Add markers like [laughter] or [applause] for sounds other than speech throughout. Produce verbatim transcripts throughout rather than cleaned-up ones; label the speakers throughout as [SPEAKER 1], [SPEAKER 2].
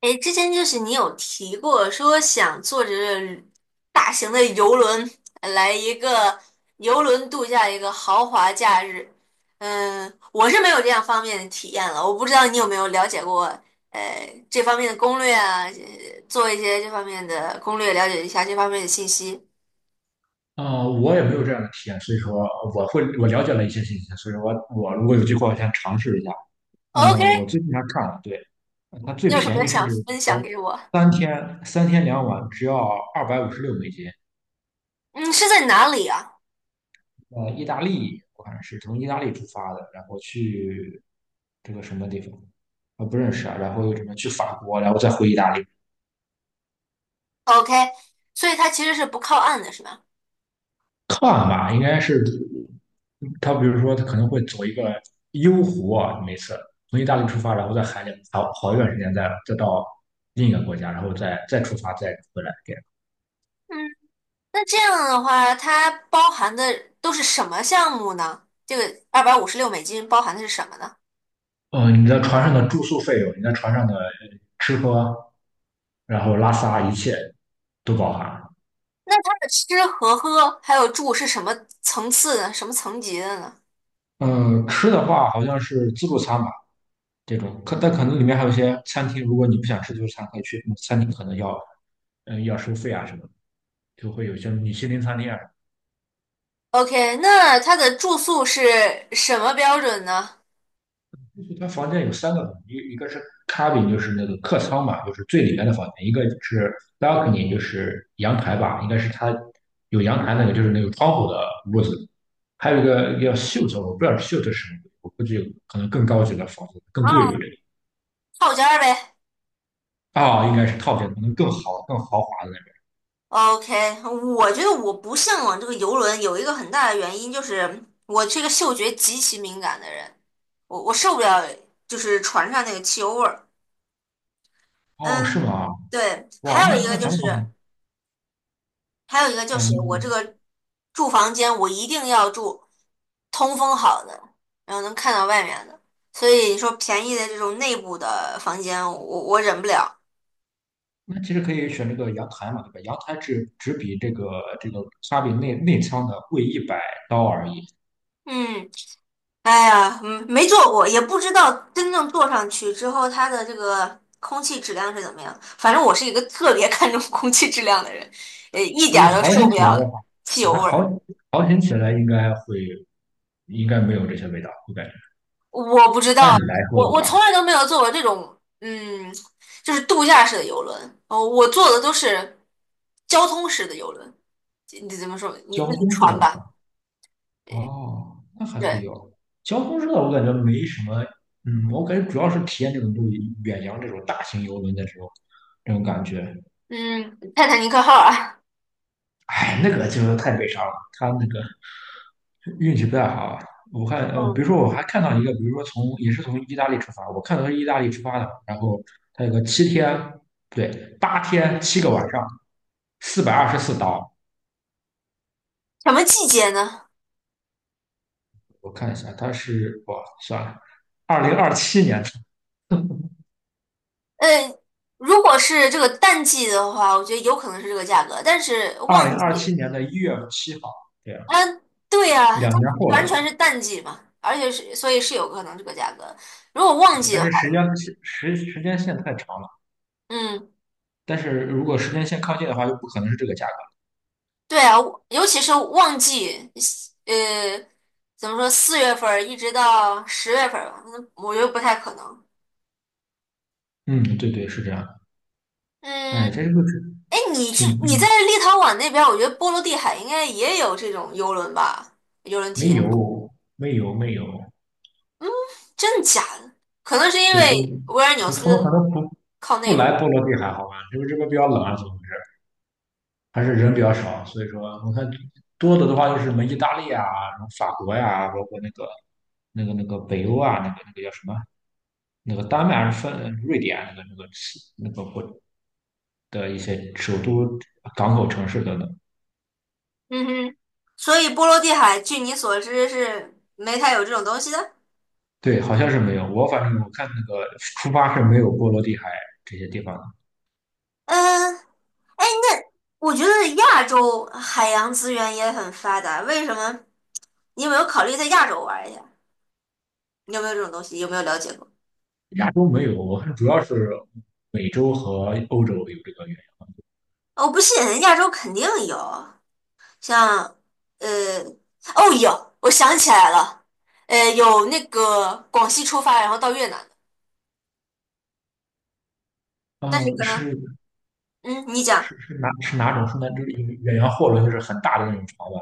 [SPEAKER 1] 哎，之前就是你有提过说想坐着大型的游轮来一个游轮度假一个豪华假日，嗯，我是没有这样方面的体验了，我不知道你有没有了解过呃这方面的攻略啊，呃做一些这方面的攻略，了解一下这方面的信息。
[SPEAKER 2] 嗯，我也没有这样的体验，所以说我会我了解了一些信息，所以说我我如果有机会，我先尝试一下。
[SPEAKER 1] OK，
[SPEAKER 2] 嗯，我最近还看了，对，它最
[SPEAKER 1] 你有什
[SPEAKER 2] 便
[SPEAKER 1] 么
[SPEAKER 2] 宜，甚
[SPEAKER 1] 想
[SPEAKER 2] 至
[SPEAKER 1] 分
[SPEAKER 2] 说
[SPEAKER 1] 享给我？
[SPEAKER 2] 三天三天两晚只要二百五十六美金。
[SPEAKER 1] 嗯，是在哪里啊
[SPEAKER 2] 呃，意大利，我看是从意大利出发的，然后去这个什么地方，我不认识啊，然后又什么去法国，然后再回意大利。
[SPEAKER 1] ？OK，所以它其实是不靠岸的，是吧？
[SPEAKER 2] 看吧，应该是他，比如说他可能会走一个幽湖啊，每次从意大利出发，然后在海里好好一段时间再，再到另一个国家，然后再再出发，再回来这样。
[SPEAKER 1] 嗯。那这样的话，它包含的都是什么项目呢？这个二百五十六美金包含的是什么呢？
[SPEAKER 2] 呃你的船上的住宿费用，你在船上的呃吃喝，然后拉撒一切都包含。
[SPEAKER 1] 它的吃和喝还有住是什么层次的，什么层级的呢
[SPEAKER 2] 嗯，吃的话好像是自助餐吧，这种，可但可能里面还有一些餐厅，如果你不想吃自助餐，可以去餐厅，可能要嗯要收费啊什么的，就会有一些米其林餐厅啊。
[SPEAKER 1] ？OK，那它的住宿是什么标准呢？
[SPEAKER 2] 就他房间有三个，一一个是 cabin,就是那个客舱嘛，就是最里面的房间；一个是 balcony,就是阳台吧，应该是他有阳台那个，就是那个窗户的屋子；还有一个叫 suite,我不知道 suite 是什么，我估计可能更高级的房子更
[SPEAKER 1] 啊，
[SPEAKER 2] 贵吧，这个
[SPEAKER 1] 套间儿呗。
[SPEAKER 2] 啊，应该是套间，可能更好、更豪华的那种。
[SPEAKER 1] OK，我觉得我不向往这个游轮，有一个很大的原因就是我是一个嗅觉极其敏感的人，我我受不了就是船上那个汽油味儿。嗯，
[SPEAKER 2] 哦，是吗？
[SPEAKER 1] 对，
[SPEAKER 2] 哇，
[SPEAKER 1] 还有一
[SPEAKER 2] 那
[SPEAKER 1] 个
[SPEAKER 2] 那
[SPEAKER 1] 就
[SPEAKER 2] 咱们
[SPEAKER 1] 是。还有一个就
[SPEAKER 2] 啊，
[SPEAKER 1] 是
[SPEAKER 2] 你
[SPEAKER 1] 我这
[SPEAKER 2] 我
[SPEAKER 1] 个住房间，我一定要住通风好的，然后能看到外面的。所以你说便宜的这种内部的房间，我我忍不了。
[SPEAKER 2] 那其实可以选这个阳台嘛，对吧？阳台只只比这个这个 cabin 内内舱的贵一百刀而已。
[SPEAKER 1] 嗯，哎呀，嗯没坐过，也不知道真正坐上去之后，它的这个空气质量是怎么样。反正我是一个特别 [laughs] 看重空气质量的人，呃，一点
[SPEAKER 2] 我
[SPEAKER 1] 儿都
[SPEAKER 2] 好
[SPEAKER 1] 受
[SPEAKER 2] 行
[SPEAKER 1] 不
[SPEAKER 2] 起来
[SPEAKER 1] 了
[SPEAKER 2] 的话，
[SPEAKER 1] 汽油
[SPEAKER 2] 它
[SPEAKER 1] 味
[SPEAKER 2] 好
[SPEAKER 1] 儿。
[SPEAKER 2] 好行起来应该会应该没有这些味道，我感觉。
[SPEAKER 1] 我不知道，
[SPEAKER 2] 按理来说的
[SPEAKER 1] 我我从
[SPEAKER 2] 话，
[SPEAKER 1] 来都没有坐过这种，嗯，就是度假式的游轮。哦，我坐的都是交通式的游轮，你怎么说？你
[SPEAKER 2] 交
[SPEAKER 1] 那个
[SPEAKER 2] 通式的
[SPEAKER 1] 船吧？
[SPEAKER 2] 吧，哦，那还可以
[SPEAKER 1] 对，
[SPEAKER 2] 哦。交通式的我感觉没什么，嗯，我感觉主要是体验这种就远洋这种大型游轮的时候这种感觉。
[SPEAKER 1] 嗯，泰坦尼克号啊。
[SPEAKER 2] 哎，那个就是太悲伤了，它那个。运气不太好啊。我看，呃，比如
[SPEAKER 1] 嗯，
[SPEAKER 2] 说我还看到一个，比如说从也是从意大利出发，我看到是意大利出发的，然后它有个七天，不对，八天七个晚上，四百二十四刀。
[SPEAKER 1] 什么季节呢？
[SPEAKER 2] 我看一下，它是哇，算了，二零二七年，
[SPEAKER 1] 呃，如果是这个淡季的话，我觉得有可能是这个价格，但是
[SPEAKER 2] 二
[SPEAKER 1] 旺
[SPEAKER 2] 零二七
[SPEAKER 1] 季，
[SPEAKER 2] 年的一月七号，对啊，
[SPEAKER 1] 嗯，对呀，
[SPEAKER 2] 两
[SPEAKER 1] 它
[SPEAKER 2] 年后
[SPEAKER 1] 完
[SPEAKER 2] 了。
[SPEAKER 1] 全是淡季嘛，而且是所以是有可能这个价格。如果旺
[SPEAKER 2] 对，
[SPEAKER 1] 季
[SPEAKER 2] 但
[SPEAKER 1] 的
[SPEAKER 2] 是
[SPEAKER 1] 话，
[SPEAKER 2] 时间时时间线太长了，
[SPEAKER 1] 嗯。
[SPEAKER 2] 但是如果时间线靠近的话，就不可能是这个价格。
[SPEAKER 1] 对啊，我尤其是旺季，呃，怎么说，四月份儿一直到十月份儿吧，嗯我觉得不太可能。
[SPEAKER 2] 嗯，对对，是这样的。
[SPEAKER 1] 嗯，
[SPEAKER 2] 哎，这就是
[SPEAKER 1] 哎，你这
[SPEAKER 2] 挺
[SPEAKER 1] 你在
[SPEAKER 2] 嗯
[SPEAKER 1] 立陶宛那边儿我觉得波罗的海应该也有这种游轮吧，游轮体
[SPEAKER 2] 没
[SPEAKER 1] 验，
[SPEAKER 2] 有，没有，没有。
[SPEAKER 1] 真的假的？可能是因
[SPEAKER 2] 对，真
[SPEAKER 1] 为维尔纽
[SPEAKER 2] 可他们可
[SPEAKER 1] 斯
[SPEAKER 2] 能不
[SPEAKER 1] 靠
[SPEAKER 2] 不
[SPEAKER 1] 内
[SPEAKER 2] 来
[SPEAKER 1] 陆，
[SPEAKER 2] 波罗的海好吧？因为这边比较冷啊，怎么回事？还是人比较少，所以说我看多的的话就是什么意大利啊，什么法国呀、包括那个那个那个北欧啊，那个那个叫什么？那个丹麦还是芬瑞典啊那个那个那个国的一些首都港口城市等等。
[SPEAKER 1] 嗯哼，所以波罗的海，据你所知是没太有这种东西的。
[SPEAKER 2] 对，好像是没有。我反正我看那个出发是没有波罗的海这些地方。
[SPEAKER 1] 嗯，我觉得亚洲海洋资源也很发达，为什么？你有没有考虑在亚洲玩一下？你有没有这种东西？有没有了解过？
[SPEAKER 2] 亚洲没有，我看主要是美洲和欧洲有这个远
[SPEAKER 1] 我不信，亚洲肯定有，像呃，哦，有，我想起来了，呃，有那个广西出发，然后到越南的，
[SPEAKER 2] 洋。
[SPEAKER 1] 但是
[SPEAKER 2] 呃，
[SPEAKER 1] 可能，
[SPEAKER 2] 是
[SPEAKER 1] 嗯，你讲，
[SPEAKER 2] 是是哪是哪种？是那就是远洋货轮，就是很大的那种船吧？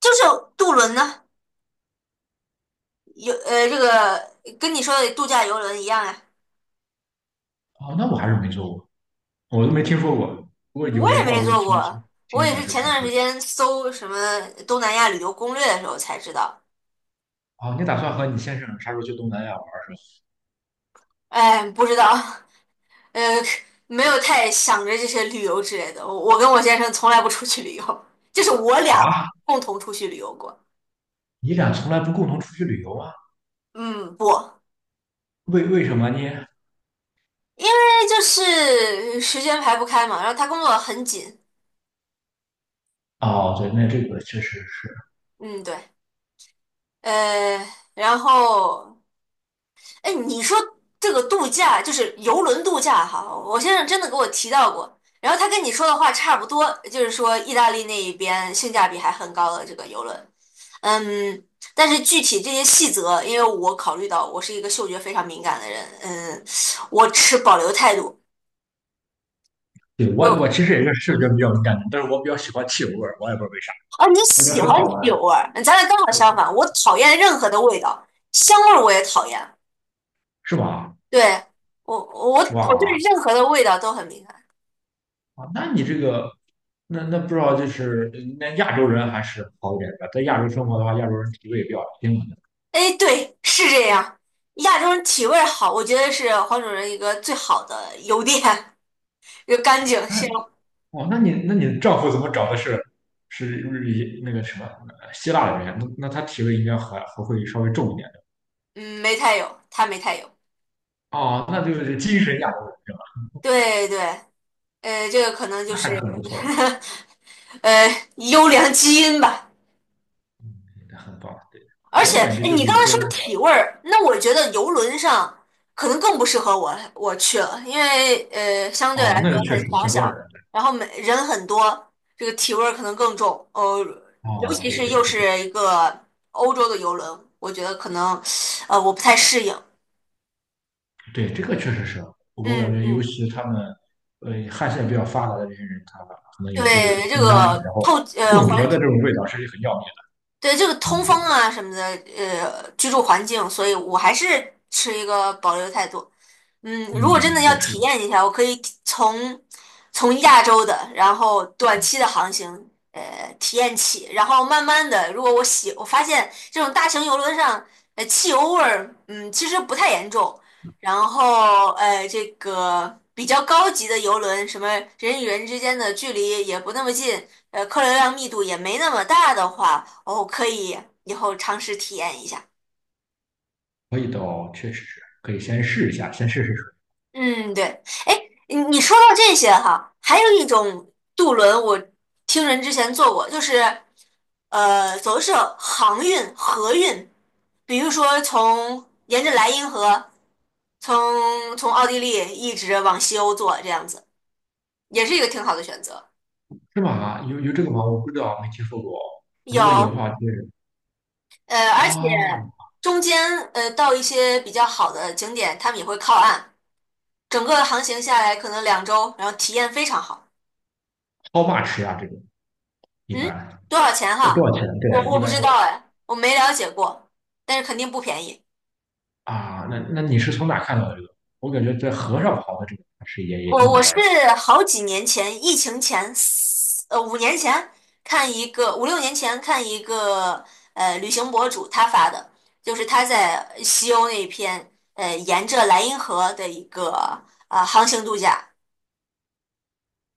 [SPEAKER 1] 就是渡轮呢，有呃，这个跟你说的度假游轮一样呀，
[SPEAKER 2] 哦，那我还是没坐过，我都没听说过。如果
[SPEAKER 1] 我
[SPEAKER 2] 有的
[SPEAKER 1] 也
[SPEAKER 2] 话，
[SPEAKER 1] 没
[SPEAKER 2] 我就
[SPEAKER 1] 坐
[SPEAKER 2] 挺
[SPEAKER 1] 过，
[SPEAKER 2] 挺
[SPEAKER 1] 我
[SPEAKER 2] 挺
[SPEAKER 1] 也
[SPEAKER 2] 想
[SPEAKER 1] 是
[SPEAKER 2] 去
[SPEAKER 1] 前
[SPEAKER 2] 尝
[SPEAKER 1] 段
[SPEAKER 2] 试一
[SPEAKER 1] 时
[SPEAKER 2] 下。
[SPEAKER 1] 间搜什么东南亚旅游攻略的时候才知道。
[SPEAKER 2] 哦，你打算和你先生啥时候去东南亚玩儿是
[SPEAKER 1] 哎，不知道，呃，没有太想着这些旅游之类的。我我跟我先生从来不出去旅游，就是我
[SPEAKER 2] 吧？
[SPEAKER 1] 俩
[SPEAKER 2] 啊，
[SPEAKER 1] 共同出去旅游过。
[SPEAKER 2] 你俩从来不共同出去旅游啊？
[SPEAKER 1] 嗯，不，
[SPEAKER 2] 为为什么呢？
[SPEAKER 1] 因为就是时间排不开嘛，然后他工作很紧。
[SPEAKER 2] 哦，对，那这个确实是，
[SPEAKER 1] 嗯，对，呃，然后。哎，你说这个度假就是游轮度假哈，我先生真的给我提到过，然后他跟你说的话差不多，就是说意大利那一边性价比还很高的这个游轮，嗯，但是具体这些细则，因为我考虑到我是一个嗅觉非常敏感的人，嗯，我持保留态度。
[SPEAKER 2] 对我
[SPEAKER 1] 我
[SPEAKER 2] 我其实也是视觉比较敏感的，但是我比较喜欢汽油味儿，我也不知道为啥，
[SPEAKER 1] 啊，你
[SPEAKER 2] 我觉得
[SPEAKER 1] 喜
[SPEAKER 2] 很
[SPEAKER 1] 欢
[SPEAKER 2] 好闻，
[SPEAKER 1] 酒味儿，咱俩刚好相
[SPEAKER 2] 对，
[SPEAKER 1] 反，我讨厌任何的味道，香味儿我也讨厌，
[SPEAKER 2] 是吧？
[SPEAKER 1] 对，我我我对
[SPEAKER 2] 哇，
[SPEAKER 1] 任何的味道都很敏感。
[SPEAKER 2] 啊，那你这个，那那不知道就是那亚洲人还是好一点的，在亚洲生活的话，亚洲人脾胃比较平稳的。
[SPEAKER 1] 哎，对，是这样。亚洲人体味儿好，我觉得是黄种人一个最好的优点，[laughs] 就干净
[SPEAKER 2] 那
[SPEAKER 1] 香。
[SPEAKER 2] 哦，那你那你丈夫怎么找的是是日那个什么呃希腊的人？那那他体味应该还还会稍微重一点的。
[SPEAKER 1] 嗯，没太有，他没太有。
[SPEAKER 2] 哦，那就是精神亚洲人是吧？
[SPEAKER 1] 对对，呃，这个可能就
[SPEAKER 2] 那还
[SPEAKER 1] 是
[SPEAKER 2] 是很不错的，
[SPEAKER 1] [laughs] 呃优良基因吧。
[SPEAKER 2] 很棒。对，
[SPEAKER 1] 而
[SPEAKER 2] 我
[SPEAKER 1] 且，
[SPEAKER 2] 也感觉
[SPEAKER 1] 哎，
[SPEAKER 2] 就是
[SPEAKER 1] 你刚
[SPEAKER 2] 有
[SPEAKER 1] 才
[SPEAKER 2] 时候
[SPEAKER 1] 说
[SPEAKER 2] 那个
[SPEAKER 1] 体味儿，那我觉得游轮上可能更不适合我我去了，因为呃，相对来
[SPEAKER 2] 哦，那
[SPEAKER 1] 说
[SPEAKER 2] 个确
[SPEAKER 1] 很
[SPEAKER 2] 实
[SPEAKER 1] 狭
[SPEAKER 2] 很多人。
[SPEAKER 1] 小，然后每人很多，这个体味儿可能更重。呃，尤
[SPEAKER 2] 哦，
[SPEAKER 1] 其
[SPEAKER 2] 对
[SPEAKER 1] 是
[SPEAKER 2] 对
[SPEAKER 1] 又
[SPEAKER 2] 对对。
[SPEAKER 1] 是一个欧洲的游轮，我觉得可能呃我不太适应。
[SPEAKER 2] 对，这个确实是，我感
[SPEAKER 1] 嗯
[SPEAKER 2] 觉尤
[SPEAKER 1] 嗯，
[SPEAKER 2] 其他们，呃，汗腺比较发达的这些人，他可能也会
[SPEAKER 1] 对，这
[SPEAKER 2] 喷香水，
[SPEAKER 1] 个
[SPEAKER 2] 然后
[SPEAKER 1] 透呃
[SPEAKER 2] 混合
[SPEAKER 1] 环
[SPEAKER 2] 的这种味道是很要命的。
[SPEAKER 1] 对这个通风啊什么的，呃，居住环境，所以我还是持一个保留态度。嗯，如果真的
[SPEAKER 2] 嗯，
[SPEAKER 1] 要
[SPEAKER 2] 对，是。
[SPEAKER 1] 体验一下，我可以体从从亚洲的，然后短期的航行，呃，体验起，然后慢慢的，如果我喜，我发现这种大型游轮上，呃，汽油味儿，嗯，其实不太严重，然后呃，这个比较高级的游轮，什么人与人之间的距离也不那么近。呃，客流量密度也没那么大的话，哦，可以以后尝试体验一下。
[SPEAKER 2] 味道确实是可以先试一下，先试试水，
[SPEAKER 1] 嗯，对。哎，你你说到这些哈，还有一种渡轮，我听人之前坐过，就是呃，走的是航运、河运，比如说从沿着莱茵河，从从奥地利一直往西欧坐，这样子也是一个挺好的选择。
[SPEAKER 2] 是吧？有有这个吗？我不知道，没听说过。如果有的
[SPEAKER 1] 有，
[SPEAKER 2] 话，就是
[SPEAKER 1] 呃，而且
[SPEAKER 2] 啊
[SPEAKER 1] 中间呃到一些比较好的景点，他们也会靠岸。整个航行下来可能两周，然后体验非常好。
[SPEAKER 2] ，how much 啊？这个一
[SPEAKER 1] 嗯，
[SPEAKER 2] 般
[SPEAKER 1] 多少钱
[SPEAKER 2] 多多
[SPEAKER 1] 哈？
[SPEAKER 2] 少钱？
[SPEAKER 1] 我
[SPEAKER 2] 对，
[SPEAKER 1] 我
[SPEAKER 2] 一
[SPEAKER 1] 不
[SPEAKER 2] 般
[SPEAKER 1] 知
[SPEAKER 2] 多少
[SPEAKER 1] 道
[SPEAKER 2] 钱
[SPEAKER 1] 哎，我没了解过，但是肯定不便宜。
[SPEAKER 2] 啊？那那你是从哪看到的这个？我感觉在河上跑的这个还是也也
[SPEAKER 1] 我
[SPEAKER 2] 挺好
[SPEAKER 1] 我
[SPEAKER 2] 玩
[SPEAKER 1] 是
[SPEAKER 2] 的。
[SPEAKER 1] 好几年前，疫情前，四呃，五年前看一个，五六年前看一个呃旅行博主他发的，就是他在西欧那边，呃，沿着莱茵河的一个啊、呃航行度假。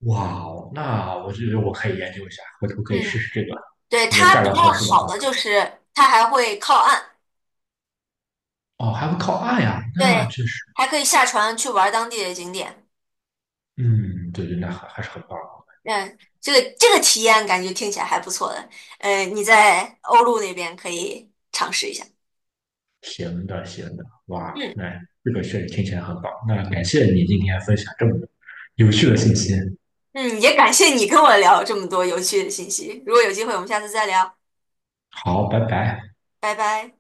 [SPEAKER 2] 哇哦，那我觉得我可以研究一下，回头可以试
[SPEAKER 1] 嗯，
[SPEAKER 2] 试这个。
[SPEAKER 1] 对，
[SPEAKER 2] 如果
[SPEAKER 1] 它
[SPEAKER 2] 价格
[SPEAKER 1] 比较
[SPEAKER 2] 合适的
[SPEAKER 1] 好
[SPEAKER 2] 话
[SPEAKER 1] 的
[SPEAKER 2] 可
[SPEAKER 1] 就
[SPEAKER 2] 以，
[SPEAKER 1] 是它还会靠岸。
[SPEAKER 2] 哦，还会靠岸呀，那
[SPEAKER 1] 对，
[SPEAKER 2] 确实，
[SPEAKER 1] 还可以下船去玩当地的景点。
[SPEAKER 2] 嗯，对对，那还还是很棒。
[SPEAKER 1] 嗯，这个这个体验感觉听起来还不错的。呃，你在欧陆那边可以尝试一下。
[SPEAKER 2] 行的，行的，哇，
[SPEAKER 1] 嗯
[SPEAKER 2] 那这个确实听起来很棒。那感谢你今天分享这么多有趣的信息。
[SPEAKER 1] 嗯，也感谢你跟我聊这么多有趣的信息。如果有机会，我们下次再聊，
[SPEAKER 2] 好，拜拜。
[SPEAKER 1] 拜拜。